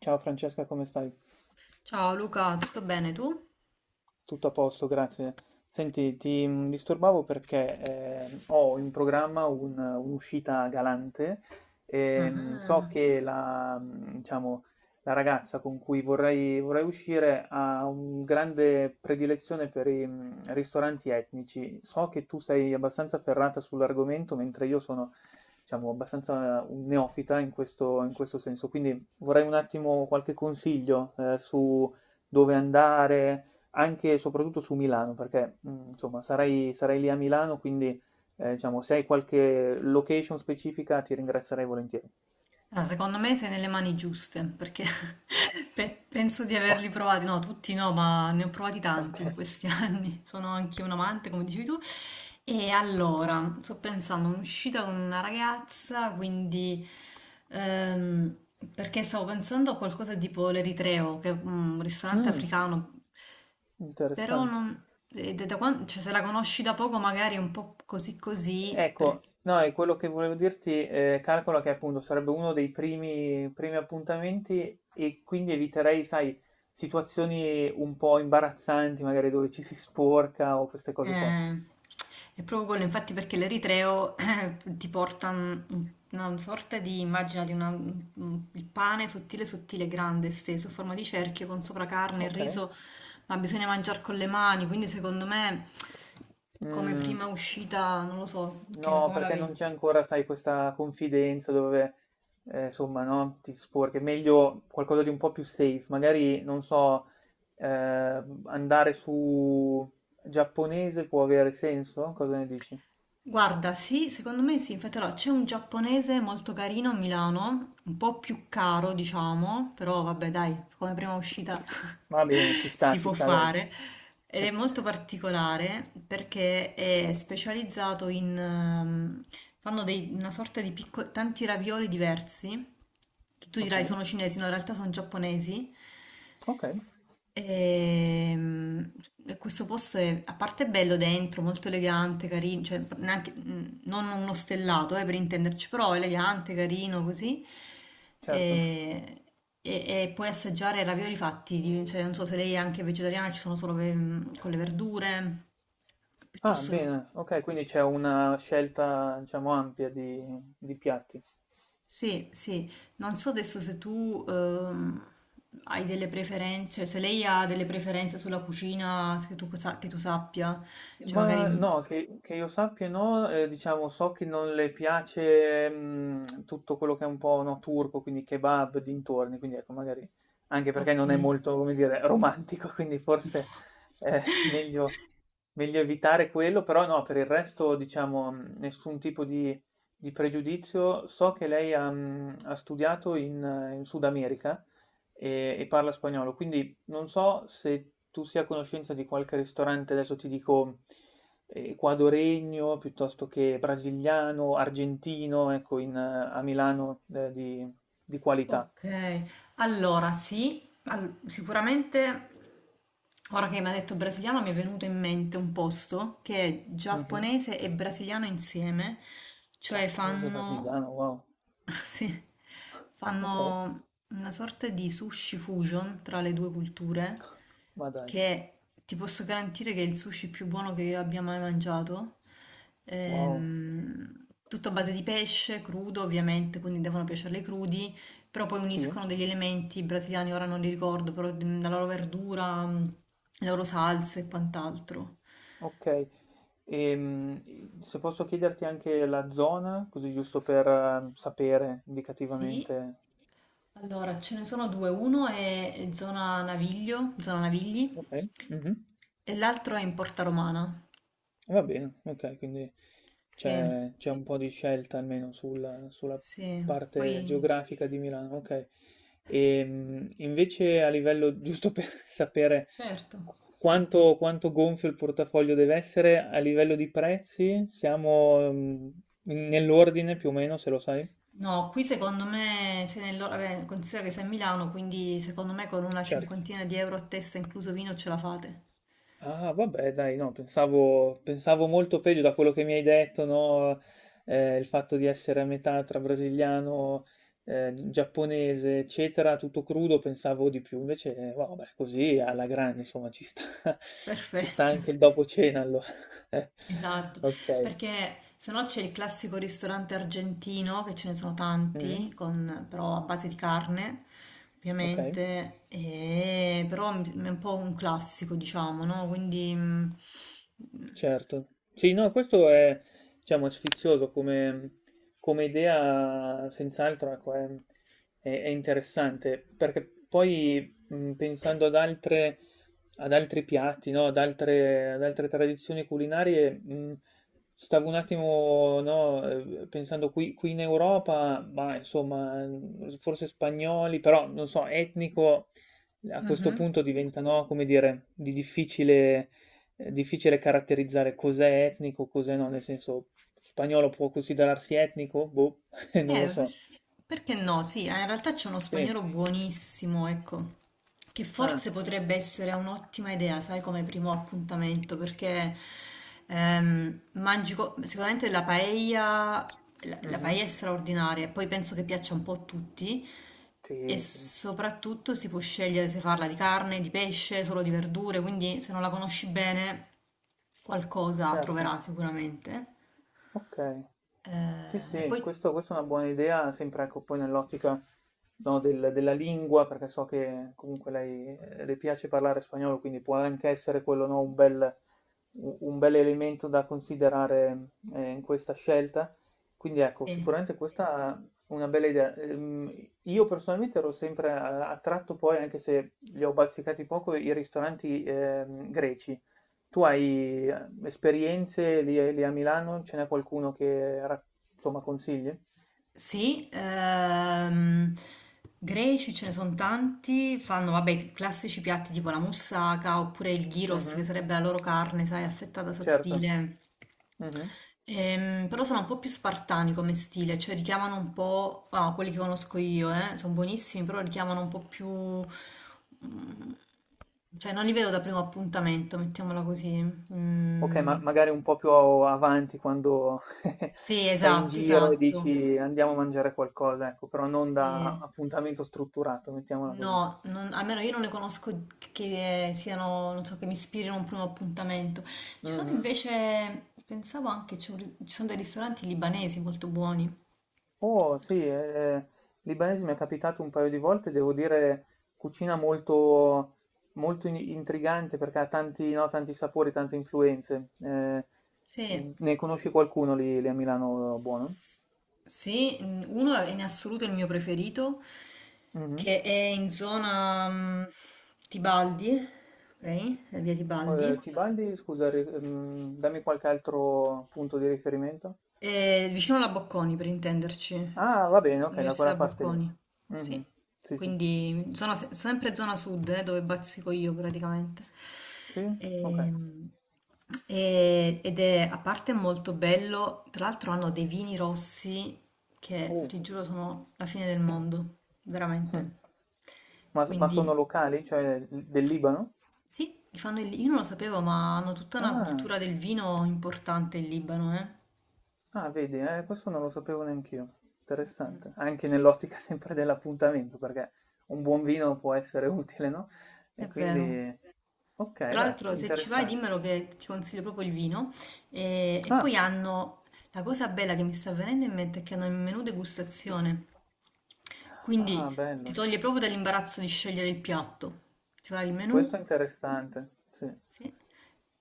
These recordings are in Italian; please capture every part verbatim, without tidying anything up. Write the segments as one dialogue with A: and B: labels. A: Ciao Francesca, come stai?
B: Ciao Luca, tutto bene tu?
A: Tutto a posto, grazie. Senti, ti mh, disturbavo perché ehm, ho in programma un- un'uscita galante. Ehm, so
B: Ah,
A: che la, mh, diciamo, la ragazza con cui vorrei, vorrei uscire ha un grande predilezione per i mh, ristoranti etnici. So che tu sei abbastanza ferrata sull'argomento, mentre io sono, diciamo, abbastanza un neofita in questo, in questo senso. Quindi vorrei un attimo qualche consiglio eh, su dove andare anche e soprattutto su Milano, perché mh, insomma sarei, sarei lì a Milano, quindi eh, diciamo, se hai qualche location specifica ti ringrazierei volentieri.
B: Ah, secondo me sei nelle mani giuste, perché pe- penso di averli
A: Ottimo,
B: provati, no, tutti no, ma ne ho provati
A: ok.
B: tanti in questi anni. Sono anche un amante, come dicevi tu. E allora, sto pensando, un'uscita con una ragazza, quindi ehm, perché stavo pensando a qualcosa tipo l'Eritreo, che è un ristorante
A: Mm,
B: africano. Però
A: interessante.
B: non, E da, da quan- cioè, se la conosci da poco magari è un po' così così, per-
A: Ecco, no, è quello che volevo dirti, eh, calcola che appunto sarebbe uno dei primi, primi appuntamenti e quindi eviterei, sai, situazioni un po' imbarazzanti, magari dove ci si sporca o queste cose qua.
B: eh, è proprio quello, infatti, perché l'eritreo eh, ti porta un- una sorta di immagine di una- un- il pane sottile, sottile, grande, esteso, a forma di cerchio, con sopra carne e
A: Ok.
B: riso, ma bisogna mangiare con le mani, quindi secondo me, come
A: Mm.
B: prima uscita, non lo so, che,
A: No,
B: come la
A: perché non
B: vedi?
A: c'è ancora, sai, questa confidenza dove, eh, insomma, no, ti sporchi. È meglio qualcosa di un po' più safe. Magari, non so, eh, andare su giapponese può avere senso? Cosa ne dici?
B: Guarda, sì, secondo me sì, infatti allora, c'è un giapponese molto carino a Milano, un po' più caro diciamo, però vabbè dai, come prima uscita
A: Va bene, ci sta,
B: si
A: ci
B: può
A: sta, dai.
B: fare. Ed è molto particolare perché è specializzato in... ehm, fanno dei- una sorta di piccoli, tanti ravioli diversi, che tu
A: Ok,
B: dirai sono cinesi, no, in realtà sono giapponesi.
A: ok,
B: Ehm, e questo posto è, a parte è bello dentro, molto elegante, carino, cioè neanche- mh, non uno stellato, eh, per intenderci, però elegante, carino, così.
A: certo.
B: E, e- e puoi assaggiare ravioli fatti, di- cioè, non so se lei è anche vegetariana, ci sono solo ve- con le verdure,
A: Ah,
B: piuttosto che...
A: bene, ok, quindi c'è una scelta, diciamo, ampia di, di piatti.
B: Sì, sì, non so adesso se tu ehm, hai delle preferenze, se lei ha delle preferenze sulla cucina che tu, sa- che tu sappia. Cioè, magari.
A: Ma
B: mm,
A: no, che, che io sappia no, eh, diciamo so che non le piace mm, tutto quello che è un po' no, turco, quindi kebab, dintorni, quindi ecco magari anche perché
B: Ok.
A: non è molto, come dire, romantico, quindi forse è meglio, meglio evitare quello, però no, per il resto diciamo mm, nessun tipo di, di pregiudizio. So che lei ha, mm, ha studiato in, eh, in Sud America e, e parla spagnolo, quindi non so se tu sia a conoscenza di qualche ristorante, adesso ti dico eh, ecuadoregno piuttosto che brasiliano, argentino, ecco, in, eh, a Milano eh, di, di qualità.
B: Ok, allora sì, al- sicuramente ora che mi ha detto brasiliano mi è venuto in mente un posto che è
A: Mhm.
B: giapponese e brasiliano insieme, cioè
A: Giapponese
B: fanno
A: brasiliano, wow.
B: sì,
A: Ok,
B: fanno una sorta di sushi fusion tra le due culture,
A: ma dai,
B: che ti posso garantire che è il sushi più buono che io abbia mai mangiato.
A: wow.
B: Ehm, tutto a base di pesce, crudo ovviamente, quindi devono piacerle crudi, però poi
A: Sì,
B: uniscono degli elementi brasiliani, ora non li ricordo, però mm, la loro verdura, mm, le loro salse e quant'altro.
A: ok. Ehm, se posso chiederti anche la zona, così giusto per eh, sapere
B: Sì,
A: indicativamente.
B: allora ce ne sono due, uno è zona Naviglio, zona Navigli,
A: Ok. Mhm.
B: e l'altro è in Porta Romana.
A: Va bene, ok, quindi
B: Sì,
A: c'è c'è un po' di scelta almeno sul- sulla
B: sì.
A: parte
B: Poi...
A: geografica di Milano, ok. E mh, invece a livello, giusto per sapere
B: certo.
A: quanto, quanto gonfio il portafoglio deve essere, a livello di prezzi siamo mm, nell'ordine più o meno, se lo sai.
B: No, qui secondo me, se nel, loro- vabbè, considera che sei a Milano, quindi secondo me con una cinquantina di euro a testa, incluso vino, ce la fate.
A: Ah, vabbè, dai, no, pensavo, pensavo molto peggio da quello che mi hai detto, no? Eh, il fatto di essere a metà tra brasiliano, eh, giapponese, eccetera, tutto crudo, pensavo di più. Invece, eh, vabbè, così alla grande, insomma, ci sta, ci sta
B: Perfetto,
A: anche il dopo cena, allora.
B: esatto.
A: Ok.
B: Perché se no c'è il classico ristorante argentino, che ce ne sono
A: Mm,
B: tanti, con- però a base di carne,
A: ok.
B: ovviamente, e- però è un po' un classico, diciamo, no? Quindi... mm,
A: Certo, sì, no, questo è, diciamo, sfizioso come, come idea, senz'altro, ecco, è, è- è interessante, perché poi mh, pensando ad altre, ad altri piatti, no, ad altre, ad altre tradizioni culinarie, mh, stavo un attimo, no, eh, pensando qui, qui in Europa, ma insomma, mh, forse spagnoli, però non so, etnico a questo
B: mhm.
A: punto diventa, no, come dire, di difficile è difficile caratterizzare cos'è etnico, cos'è no, nel senso spagnolo può considerarsi etnico? Boh, non lo
B: Eh,
A: so.
B: pues- perché no? Sì, eh, in realtà c'è uno
A: Sì.
B: spagnolo buonissimo, ecco, che
A: Ah,
B: forse potrebbe essere un'ottima idea, sai, come primo appuntamento, perché ehm, mangi co- sicuramente la paella, la, la
A: mhm.
B: paella è straordinaria, e poi penso che piaccia un po' a tutti, e
A: Sì, sì,
B: soprattutto si può scegliere se farla di carne, di pesce, solo di verdure, quindi se non la conosci bene qualcosa
A: certo.
B: troverà sicuramente.
A: Okay. Sì,
B: Eh, e
A: sì,
B: poi...
A: questo questa è una buona idea, sempre ecco poi nell'ottica, no, del della lingua, perché so che comunque lei, ehm, le piace parlare spagnolo, quindi può anche essere quello, no, un bel u un bell'elemento da considerare, ehm, in questa scelta. Quindi ecco,
B: sì.
A: sicuramente questa è una bella idea. Ehm, io personalmente ero sempre a attratto poi, anche se li ho bazzicati poco, i ristoranti, ehm, greci. Tu hai eh, esperienze lì, lì a Milano? Ce n'è qualcuno che ra- insomma consigli?
B: Sì, ehm, greci ce ne sono tanti, fanno vabbè i classici piatti tipo la moussaka oppure il gyros, che
A: Mhm,
B: sarebbe la loro carne, sai, affettata
A: certo.
B: sottile.
A: Mhm.
B: Ehm, però sono un po' più spartani come stile, cioè richiamano un po', ah, quelli che conosco io, eh, sono buonissimi, però richiamano un po' più, mm, cioè non li vedo da primo appuntamento, mettiamola così.
A: Ok, ma
B: Mm,
A: magari un po' più avanti quando
B: sì,
A: sei in
B: esatto,
A: giro e
B: esatto.
A: dici andiamo a mangiare qualcosa, ecco, però non da
B: Sì.
A: appuntamento strutturato, mettiamola così.
B: No, non- almeno io non le conosco che siano, non so, che mi ispirino a un primo appuntamento. Ci sono
A: Mhm.
B: invece, pensavo anche, c'è un ri- ci sono dei ristoranti libanesi molto buoni.
A: Oh sì, eh, libanese mi è capitato un paio di volte, devo dire cucina molto, molto in- intrigante perché ha tanti, no, tanti sapori, tante influenze. Eh,
B: Sì,
A: ne conosci qualcuno lì, lì a Milano buono?
B: S- sì, n- uno è in assoluto il mio preferito,
A: Mhm.
B: che è in zona mm, Tibaldi, ok? Via
A: Eh,
B: Tibaldi,
A: Tibaldi, scusa, ri- mm, dammi qualche altro punto di riferimento.
B: eh, vicino alla Bocconi per intenderci.
A: Ah, va bene, ok, da
B: L'Università
A: quella parte lì.
B: Bocconi, sì.
A: Mhm. Sì, sì.
B: Quindi zona se- sempre zona sud, eh, dove bazzico io praticamente.
A: Sì? Ok.
B: Ehm, e- ed è a parte molto bello, tra l'altro hanno dei vini rossi che
A: Oh.
B: ti giuro sono la fine del mondo, veramente.
A: Ma, ma
B: Quindi
A: sono locali, cioè del Libano?
B: sì, li fanno il- io non lo sapevo, ma hanno tutta una
A: Ah.
B: cultura del vino importante in Libano, eh.
A: Ah, vedi, eh, questo non lo sapevo neanch'io.
B: Mm, mm,
A: Interessante. Anche nell'ottica sempre dell'appuntamento, perché un buon vino può essere utile, no?
B: è
A: E
B: vero.
A: quindi... Ok,
B: Tra
A: beh,
B: l'altro, se ci vai,
A: interessante.
B: dimmelo che ti consiglio proprio il vino. E, e
A: Ah,
B: poi hanno la cosa bella che mi sta venendo in mente, è che hanno il menù degustazione.
A: ah,
B: Quindi ti
A: bello.
B: toglie proprio dall'imbarazzo di scegliere il piatto. Cioè il
A: Questo
B: menù,
A: è interessante, sì.
B: sì,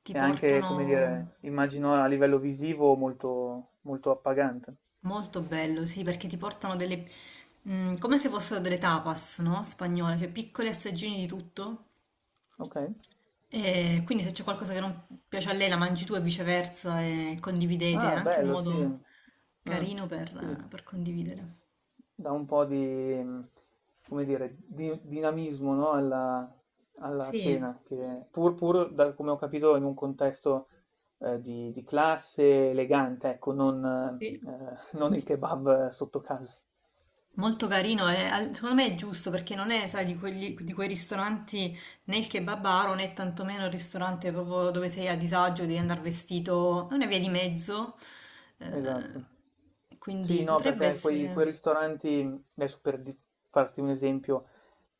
B: ti
A: E anche, come
B: portano
A: dire, immagino a livello visivo molto, molto appagante.
B: molto bello, sì, perché ti portano delle... mm, come se fossero delle tapas, no? Spagnole, cioè piccoli assaggini di tutto.
A: Ok.
B: E quindi se c'è qualcosa che non piace a lei, la mangi tu e viceversa e condividete, è
A: Ah,
B: anche un
A: bello, sì.
B: modo
A: Mm,
B: carino
A: sì.
B: per, per condividere.
A: Dà un po' di, mhmm, come dire, di dinamismo, no, alla alla
B: Sì,
A: cena, che pur pur da come ho capito in un contesto, ehm, di di classe elegante, ecco, non ehm,
B: sì.
A: non il kebab sotto casa.
B: Molto carino, e al- secondo me è giusto perché non è, sai, di quegli- di quei ristoranti, né il kebabaro né tantomeno il ristorante proprio dove sei a disagio, devi andare vestito, è una via di mezzo,
A: Esatto.
B: eh, quindi
A: Sì, no,
B: potrebbe
A: perché quei quei
B: essere...
A: ristoranti adesso per di farti un esempio,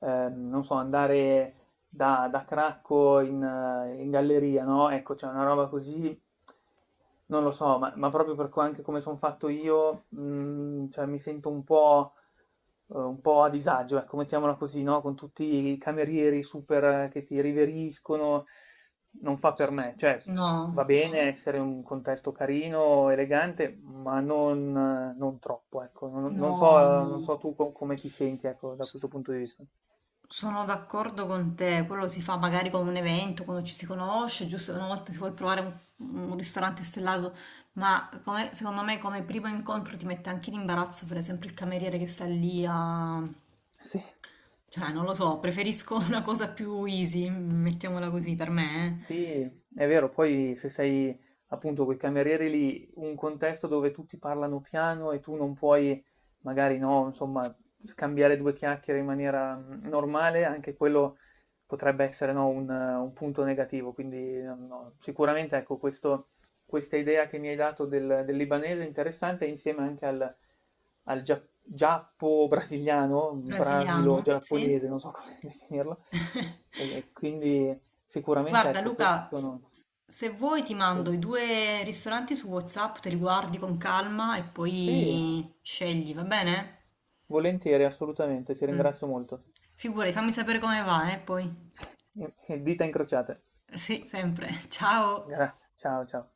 A: ehm, non so, andare da, da Cracco in, eh, in galleria, no? Ecco, c'è una roba così, non lo so, ma, ma proprio per co- anche come sono fatto io, mh, cioè, mi sento un po', eh, un po' a disagio, ecco, mettiamola così, no? Con tutti i camerieri super eh, che ti riveriscono, non fa per me, cioè va
B: No,
A: bene essere un contesto carino, elegante, ma non, eh, non troppo, ecco, non, non so,
B: no,
A: non
B: no.
A: so tu co- come ti senti, ecco, da questo punto di vista.
B: Sono d'accordo con te, quello si fa magari con un evento, quando ci si conosce, giusto una volta si vuole provare un, un ristorante stellato, ma come- secondo me come primo incontro ti mette anche in imbarazzo, per esempio il cameriere che sta lì a...
A: Sì.
B: Cioè, non lo so, preferisco una cosa più easy, mettiamola così per me, eh.
A: Sì, è vero, poi se sei appunto quei camerieri lì, un contesto dove tutti parlano piano e tu non puoi, magari no, insomma, scambiare due chiacchiere in maniera mm, normale, anche quello potrebbe essere no, un, eh, un punto negativo. Quindi no, no, sicuramente ecco, questo- questa idea che mi hai dato del, del libanese è interessante insieme anche al, al gia- giappo-brasiliano,
B: Brasiliano, sì.
A: brasilo-giapponese, non so come definirlo. E quindi sicuramente,
B: Guarda
A: ecco, questi
B: Luca, s-
A: sono...
B: s- se vuoi ti
A: Sì,
B: mando i due ristoranti su WhatsApp, te li guardi con calma e
A: sì,
B: poi scegli, va bene?
A: volentieri, assolutamente, ti
B: Mm.
A: ringrazio molto.
B: Figurati, fammi sapere come va, eh, poi.
A: Dita incrociate.
B: Sì, sempre. Ciao.
A: Grazie, ciao ciao.